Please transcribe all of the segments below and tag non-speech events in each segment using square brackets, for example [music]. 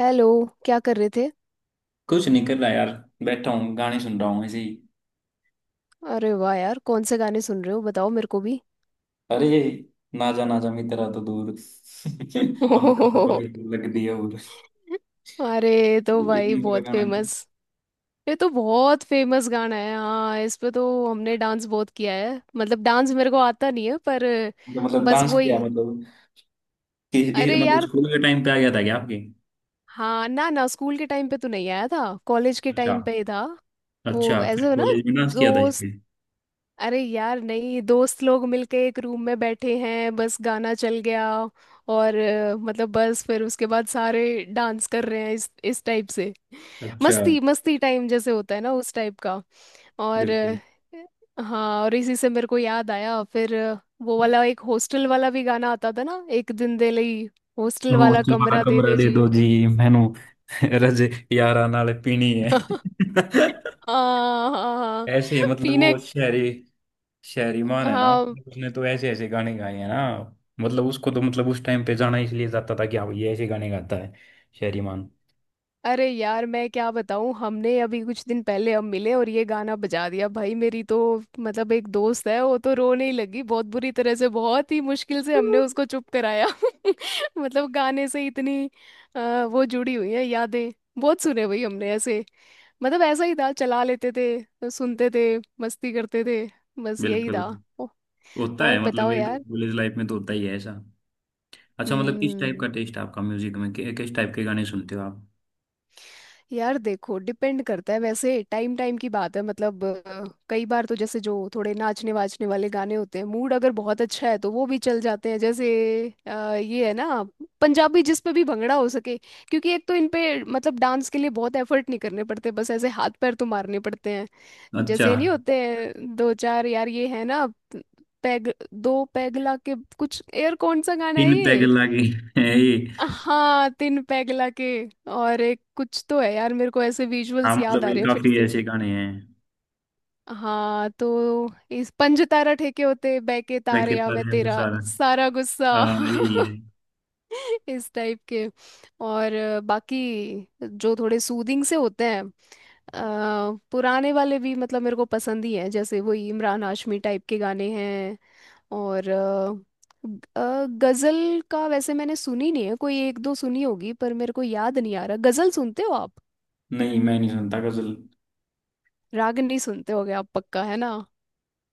Hello. क्या कर रहे थे? कुछ नहीं कर रहा यार। बैठा हूँ गाने सुन रहा हूँ ऐसे ही। अरे वाह यार, कौन से गाने सुन रहे हो, बताओ मेरे को भी। अरे ना जा मित्रा तो दूर [laughs] हम तो तुम्हारे दूर लग दिया। [laughs] और अरे तो एक भाई मिनट का बहुत गाना है। तो फेमस। ये तो बहुत फेमस गाना है हाँ, इस पे तो हमने डांस बहुत किया है। मतलब डांस मेरे को आता नहीं है पर मतलब बस डांस किया वही। मतलब कि कि- अरे मतलब यार, स्कूल के टाइम पे आ गया था क्या आपके? हाँ, ना ना स्कूल के टाइम पे तो नहीं आया था, कॉलेज के अच्छा। टाइम पे ही था। वो अच्छा, ऐसे फिर हो ना, कॉलेज में डांस किया था इस जो पे? अरे यार नहीं, दोस्त लोग मिलके एक रूम में बैठे हैं, बस गाना चल गया और मतलब बस फिर उसके बाद सारे डांस कर रहे हैं इस टाइप से। अच्छा। मस्ती मस्ती टाइम जैसे होता है ना, उस टाइप का। और बिल्कुल। हाँ, और इसी से मेरे को याद आया फिर वो वाला एक हॉस्टल वाला भी गाना आता था ना, एक दिन दे लई, हॉस्टल ओ वाला चलवा कमरा दे कमरा दो दे दो जी। जी, मैनू [laughs] रज यारा नाल पीनी है [laughs] [laughs] हाँ हाँ हाँ। ऐसे मतलब पीने। वो शहरीमान है ना। हाँ, उसने तो ऐसे ऐसे गाने गाए हैं ना। मतलब उसको तो मतलब उस टाइम पे जाना इसलिए जाता था कि हाँ ये ऐसे गाने गाता है शहरीमान। अरे यार मैं क्या बताऊं, हमने अभी कुछ दिन पहले हम मिले और ये गाना बजा दिया भाई, मेरी तो, मतलब एक दोस्त है, वो तो रोने ही लगी बहुत बुरी तरह से। बहुत ही मुश्किल से हमने उसको चुप कराया। [laughs] मतलब गाने से इतनी वो जुड़ी हुई है यादें। बहुत सुने भाई हमने ऐसे। मतलब ऐसा ही था, चला लेते थे, सुनते थे, मस्ती करते थे, बस यही बिल्कुल। था। औ- होता और है मतलब बताओ ये तो यार। कॉलेज लाइफ में तो होता ही है ऐसा। अच्छा मतलब किस टाइप हम्म। का टेस्ट है आपका म्यूजिक में कि, किस टाइप के गाने सुनते हो आप? यार देखो डिपेंड करता है, वैसे टाइम टाइम की बात है। मतलब कई बार तो जैसे जो थोड़े नाचने वाचने वाले गाने होते हैं, मूड अगर बहुत अच्छा है तो वो भी चल जाते हैं। जैसे ये है ना, पंजाबी जिस पे भी भंगड़ा हो सके। क्योंकि एक तो इन पे मतलब डांस के लिए बहुत एफर्ट नहीं करने पड़ते, बस ऐसे हाथ पैर तो मारने पड़ते हैं। अच्छा। जैसे नहीं होते हैं दो चार यार, ये है ना, पैग दो पैगला के कुछ, यार कौन सा गाना है 3 पैग ये? लागे है ये। हाँ, तीन पैग लाके। और एक कुछ तो है यार, मेरे को ऐसे हाँ विजुअल्स याद मतलब आ ये रहे हैं फिर काफी से। ऐसे गाने हैं। हाँ तो इस पंज तारा ठेके होते बहके तारे, या पैकेटर मैं है वो तेरा सारा। सारा गुस्सा। हाँ यही है। [laughs] इस टाइप के। और बाकी जो थोड़े सूदिंग से होते हैं पुराने वाले भी, मतलब मेरे को पसंद ही है। जैसे वही इमरान हाशमी टाइप के गाने हैं। और गजल का वैसे मैंने सुनी नहीं है, कोई एक दो सुनी होगी पर मेरे को याद नहीं आ रहा। गजल सुनते हो आप? नहीं, मैं नहीं सुनता गजल। रागनी सुनते होगे आप, पक्का है ना।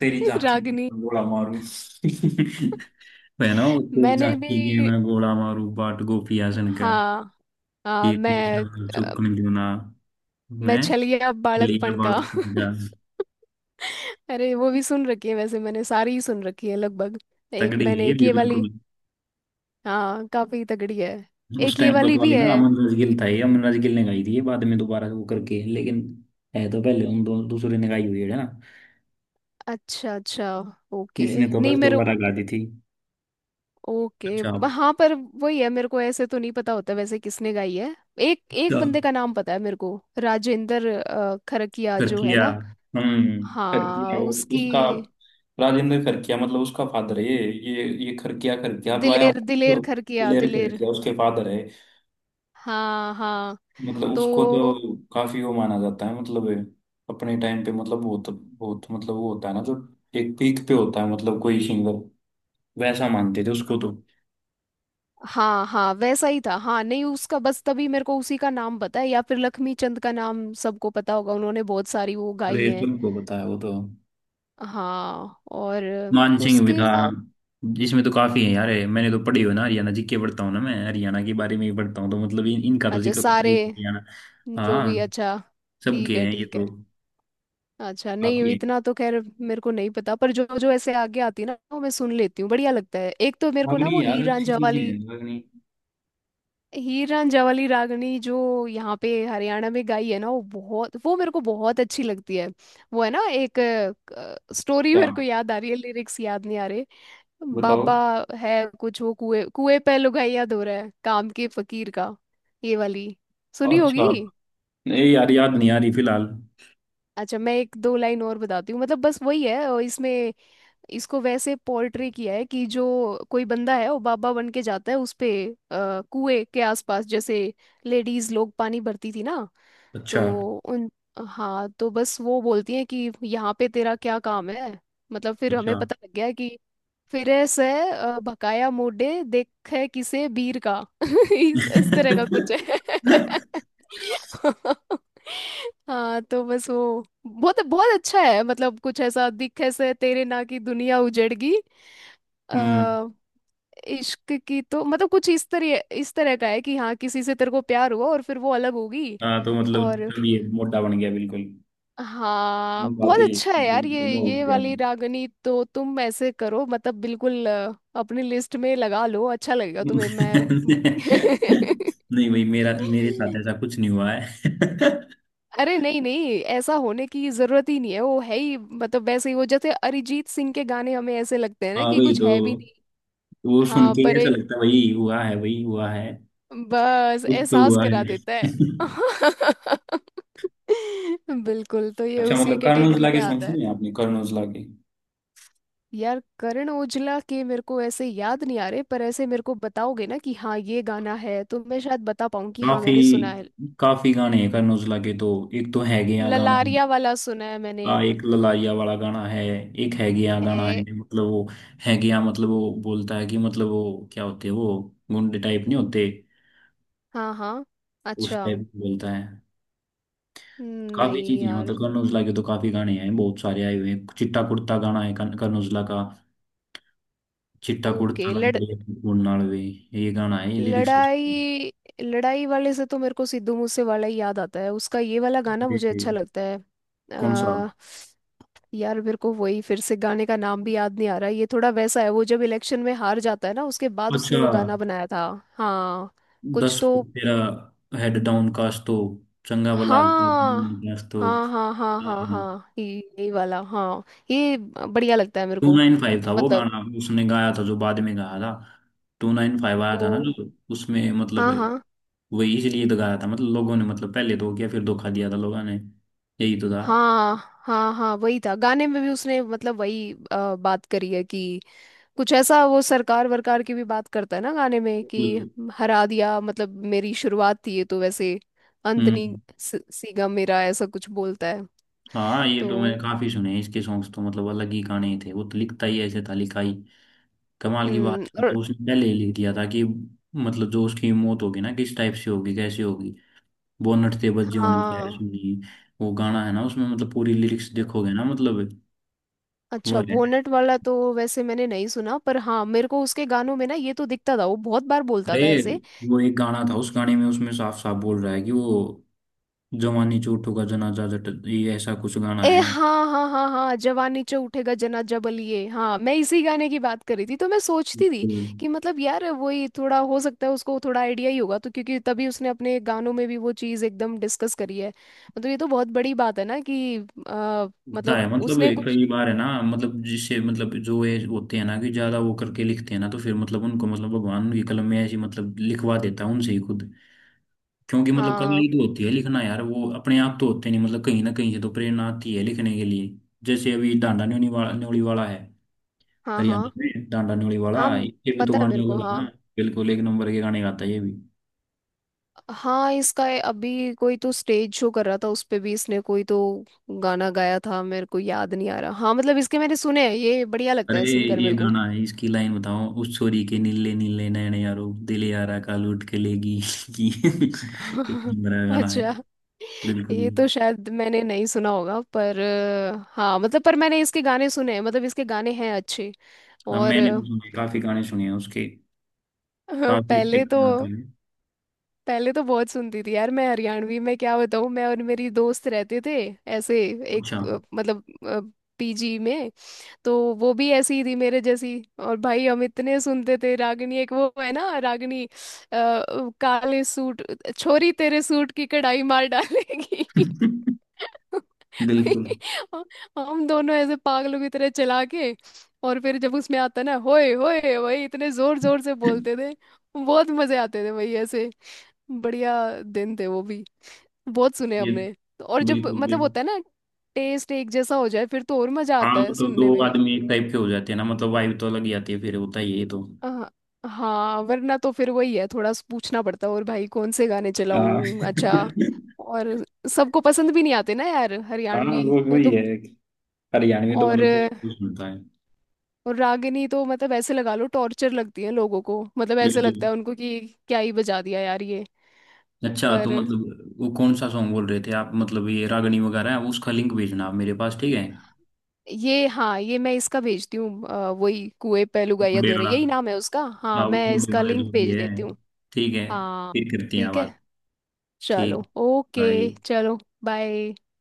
तेरी [laughs] झांकी की रागनी। बंडोला मारूं [laughs] వేనా मैंने भी, ఏమైనా గోళామారు పాటు గోపి అసనక हाँ ఈ हाँ, मैं अ, चुक्कని दूना मैं मैं छलिया लिया बालकपन बाल का। [laughs] का। अरे वो भी सुन रखी है, वैसे मैंने सारी ही सुन रखी है लगभग। एक तगड़ी है मैंने ये एक भी ये वाली। बिल्कुल। हाँ, काफी तगड़ी है। उस एक ये टाइम पर वाली तो भी आई है। ना अमन राज गिल था, ये अमन राज गिल ने गाई थी ये बाद में, दोबारा से वो करके लेकिन है तो पहले उन दो दूसरे ने गाई हुई है ना। अच्छा अच्छा, ओके। इसने तो नहीं बस मेरे, दोबारा गा दी थी। ओके अच्छा। हाँ, पर वही है मेरे को ऐसे तो नहीं पता होता वैसे किसने गाई है। एक एक बंदे का नाम पता है मेरे को, राजेंद्र खरकिया जो है फिरकिया। ना। हम्म। खरकिया हाँ वो उसकी, उसका। राजेंद्र खरकिया मतलब उसका फादर है ये खरकिया खरकिया अब आया हूँ। दिलेर दिलेर तो खरकिया प्लेयर दिलेर। खरकिया उसके फादर है। हाँ हाँ मतलब उसको तो, तो काफी वो माना जाता है मतलब अपने टाइम पे मतलब बहुत बहुत मतलब वो होता है ना जो एक पीक पे होता है मतलब कोई सिंगर, वैसा मानते थे उसको तो। हाँ हाँ वैसा ही था हाँ। नहीं उसका बस, तभी मेरे को उसी का नाम पता है या फिर लक्ष्मी चंद का नाम सबको पता होगा, उन्होंने बहुत सारी वो और गाई ये हैं। सबको बताया वो तो। हाँ और मानसिंह भी उसके था। अलावा, इसमें तो काफी है यार, मैंने तो पढ़ी हो ना, हरियाणा जीके पढ़ता हूँ ना मैं, हरियाणा के बारे में ही पढ़ता हूँ, तो मतलब इन, इनका तो अच्छा जिक्र होता ही सारे है हरियाणा। जो भी, हाँ अच्छा, ठीक सबके है हैं ये ठीक है। तो। अच्छा नहीं, काफी है। इतना तो खैर मेरे को नहीं पता, पर जो जो ऐसे आगे आती है ना वो मैं सुन लेती हूँ, बढ़िया लगता है। एक तो मेरे को ना अग्नि वो यार, हीर अच्छी रांझा चीजें वाली, हैं अग्नि। हीर रांझा वाली रागनी जो यहाँ पे हरियाणा में गाई है ना, वो बहुत, वो मेरे को बहुत अच्छी लगती है। वो है ना एक स्टोरी, क्या मेरे को याद आ रही है, लिरिक्स याद नहीं आ रहे। बताओ? बाबा है कुछ, वो कुएं कुएं पे लुगाइया धो रहा है काम के फकीर का, ये वाली सुनी होगी। अच्छा नहीं यार, याद नहीं आ रही फिलहाल। अच्छा मैं एक दो लाइन और बताती हूँ, मतलब बस वही है और इसमें इसको वैसे पोर्ट्रे किया है कि जो कोई बंदा है वो बाबा बन के जाता है, उस पे कुएं के आसपास जैसे लेडीज लोग पानी भरती थी ना, अच्छा तो उन, हाँ तो बस वो बोलती हैं कि यहाँ पे तेरा क्या काम है, मतलब फिर हमें अच्छा। पता लग गया है कि फिरे से, भकाया मोड़े देखे किसे बीर का। [laughs] इस तरह का कुछ है। [laughs] [laughs] हाँ, तो बस वो बहुत बहुत अच्छा है, मतलब कुछ ऐसा दिखे से तेरे ना की दुनिया उजड़गी, हम्म। अ, इश्क की तो मतलब कुछ इस तरह का है कि हाँ, किसी से तेरे को प्यार हुआ और फिर वो अलग होगी। हाँ तो मतलब और अभी ये मोटा बन गया बिल्कुल। हाँ, बहुत बातें अच्छा है यार मतलब, ये हो ये गया। वाली रागनी तो तुम ऐसे करो, मतलब बिल्कुल अपनी लिस्ट में लगा लो, अच्छा [laughs] लगेगा तुम्हें मैं। [laughs] नहीं भाई, मेरा मेरे साथ ऐसा कुछ नहीं हुआ है [laughs] अरे नहीं नहीं, ऐसा होने की जरूरत ही नहीं है, वो है ही मतलब वैसे ही, वो जैसे अरिजीत सिंह के गाने हमें ऐसे लगते हैं ना हाँ कि भाई कुछ तो है भी नहीं, वो सुन हाँ, के ही पर ऐसा एक लगता है वही हुआ है वही हुआ है। बस कुछ तो एहसास हुआ करा है [laughs] देता है। [laughs] बिल्कुल, तो ये अच्छा उसी मतलब कैटेगरी कर्नोजला में के सॉन्ग आता है। सुने हैं आपने, कर्नोजला के? यार करण ओजला के मेरे को ऐसे याद नहीं आ रहे, पर ऐसे मेरे को बताओगे ना कि हाँ ये गाना है, तो मैं शायद बता पाऊँ कि हाँ, काफी। मैंने सुना है। काफी गाने हैं करण औजला के तो। एक तो है गया गाना। ललारिया वाला सुना है मैंने। का एक ललारिया वाला गाना है। एक है गया गाना है है, मतलब वो है गया मतलब वो बोलता है कि मतलब वो क्या होते हैं वो गुंडे टाइप नहीं होते, हाँ हाँ। उस अच्छा, टाइप बोलता है। काफी नहीं चीजें हैं यार, मतलब, करण औजला के तो काफी गाने हैं, बहुत सारे आए हुए हैं। चिट्टा कुर्ता गाना है करण करण औजला का। चिट्टा कुर्ता ओके लंबे नाल वे, ये गाना है ये लिरिक्स। लड़ाई, लड़ाई वाले से तो मेरे को सिद्धू मूसे वाला ही याद आता है, उसका ये वाला गाना अरे। मुझे अच्छा लगता है। कौन सा? आ, यार मेरे को वही, फिर से गाने का नाम भी याद नहीं आ रहा, ये थोड़ा वैसा है वो जब इलेक्शन में हार जाता है ना उसके बाद उसने वो अच्छा गाना बनाया था। हाँ कुछ दस तो, फुट तेरा हेड डाउन काश तो, चंगा भला हंसता हाँ नहीं, काश तो। हाँ हाँ हाँ हाँ हाँ। हाँ ये, यही वाला हाँ, ये बढ़िया लगता है मेरे टू को। नाइन फाइव था वो मतलब, गाना, उसने गाया था जो बाद में गाया था। 295 आया ओ था ना जो, उसमें मतलब हाँ हाँ, वही इसलिए तो गाया था मतलब लोगों ने, मतलब पहले तो क्या फिर धोखा दिया था लोगों ने यही तो हाँ हाँ हाँ हाँ, वही था, गाने में भी उसने मतलब वही बात करी है कि कुछ ऐसा, वो सरकार वरकार की भी बात करता है ना गाने में कि था। हरा दिया, मतलब मेरी शुरुआत थी ये तो, वैसे अंत नहीं, हम्म। सीगा मेरा, ऐसा कुछ बोलता है। हाँ ये तो मैंने तो काफी सुने हैं इसके सॉन्ग्स तो, मतलब अलग ही गाने थे वो तो, लिखता ही ऐसे था लिखाई, कमाल की बात है। और, तो उसने पहले ही लिख दिया था कि मतलब जो उसकी मौत होगी ना किस टाइप से होगी कैसे होगी। बोनट से बजे होने खैर हाँ। सुनी वो गाना है ना, उसमें मतलब पूरी लिरिक्स देखोगे ना मतलब वो अच्छा है। बोनट वाला तो वैसे मैंने नहीं सुना, पर हाँ, मेरे को उसके गानों में ना ये तो दिखता था, वो बहुत बार बोलता अरे था ऐसे। वो एक गाना था, उस गाने में उसमें साफ साफ बोल रहा है कि वो जवानी चोटों का जनाजा जट, ये ऐसा कुछ गाना ए है। हाँ हाँ हाँ हाँ, जवान नीचे उठेगा जना जबल, ये हाँ मैं इसी गाने की बात कर रही थी। तो मैं सोचती थी बिल्कुल। कि मतलब यार वही, थोड़ा हो सकता है उसको थोड़ा आइडिया ही होगा तो, क्योंकि तभी उसने अपने गानों में भी वो चीज़ एकदम डिस्कस करी है, मतलब ये तो बहुत बड़ी बात है ना कि आ, होता है मतलब मतलब उसने ये कुछ, कई बार है ना, मतलब जिससे मतलब जो ये होते हैं ना कि ज्यादा वो करके लिखते हैं ना, तो फिर मतलब उनको मतलब भगवान उनकी कलम में ऐसी मतलब लिखवा देता है उनसे ही खुद। क्योंकि मतलब कला हाँ ही तो होती है लिखना यार, वो अपने आप तो होते नहीं, मतलब कहीं ना कहीं से तो प्रेरणा आती है लिखने के लिए। जैसे अभी डांडा न्योली वाला, है हाँ हरियाणा हाँ में डांडा न्योली वाला, हाँ ये भी तो पता है गाने मेरे को अलग है हाँ। ना। बिल्कुल एक नंबर के गाने गाता है ये भी। हाँ इसका ये अभी कोई तो स्टेज शो कर रहा था, उस पे भी इसने कोई तो गाना गाया था, मेरे को याद नहीं आ रहा। हाँ मतलब इसके मैंने सुने हैं, ये बढ़िया लगता अरे है सिंगर ये मेरे को। गाना है इसकी लाइन बताओ, उस छोरी के नीले नीले नयन यारो दिल यारा का लूट के लेगी की [laughs] एक [laughs] नंबर का गाना है अच्छा, बिल्कुल। ये तो शायद मैंने नहीं सुना होगा, पर हाँ मतलब पर मैंने इसके गाने सुने हैं, मतलब इसके गाने हैं अच्छे। अब और [laughs] मैंने तो सुने काफी गाने सुने हैं उसके हाँ, काफी अच्छे पहले तो, गाने आते हैं पहले तो बहुत सुनती थी यार मैं हरियाणवी में, क्या बताऊँ मैं और मेरी दोस्त रहते थे ऐसे अच्छा एक मतलब पीजी में, तो वो भी ऐसी ही थी मेरे जैसी, और भाई हम इतने सुनते थे रागिनी, एक वो है ना रागिनी काले सूट, छोरी तेरे सूट की कढ़ाई मार डालेगी। [laughs] बिल्कुल हम दोनों ऐसे पागलों की तरह चला के, और फिर जब उसमें आता ना होए होए, वही इतने जोर जोर से बोलते थे। बहुत मजे आते थे वही ऐसे। बढ़िया दिन थे वो भी, बहुत सुने ये हमने। और जब बिल्कुल मतलब बिल्कुल। होता है ना टेस्ट एक जैसा हो जाए फिर तो और मजा हाँ आता वो है तो दो सुनने में। आदमी एक टाइप के हो जाते हैं ना, मतलब वाइब तो अलग ही आती है फिर, होता ही है ये तो। हाँ, हाँ, वरना तो फिर वही है, थोड़ा सा पूछना पड़ता है और भाई कौन से गाने हाँ [laughs] चलाऊं। अच्छा, और सबको पसंद भी नहीं आते ना यार हाँ हरियाणवी, वो ये वही तो। है। हरियाणवी तो और मतलब कोई तो सुनता है। और रागिनी तो मतलब ऐसे लगा लो, टॉर्चर लगती है लोगों को, मतलब ऐसे लगता बिल्कुल। है उनको कि क्या ही बजा दिया यार ये। अच्छा तो पर, मतलब वो कौन सा सॉन्ग बोल रहे थे आप, मतलब ये रागनी वगैरह है उसका लिंक भेजना आप मेरे पास, ठीक है? ये हाँ ये मैं इसका भेजती हूँ, वही कुएं पे लुगाइया बर्थडे दोरे, वाला। यही नाम है उसका हाँ, हाँ वो मैं बर्थडे इसका वाला लिंक जो भी भेज है। देती हूँ। ठीक है। हाँ, फिर करती हैं ठीक है। बात। चलो ठीक ओके, भाई। चलो बाय।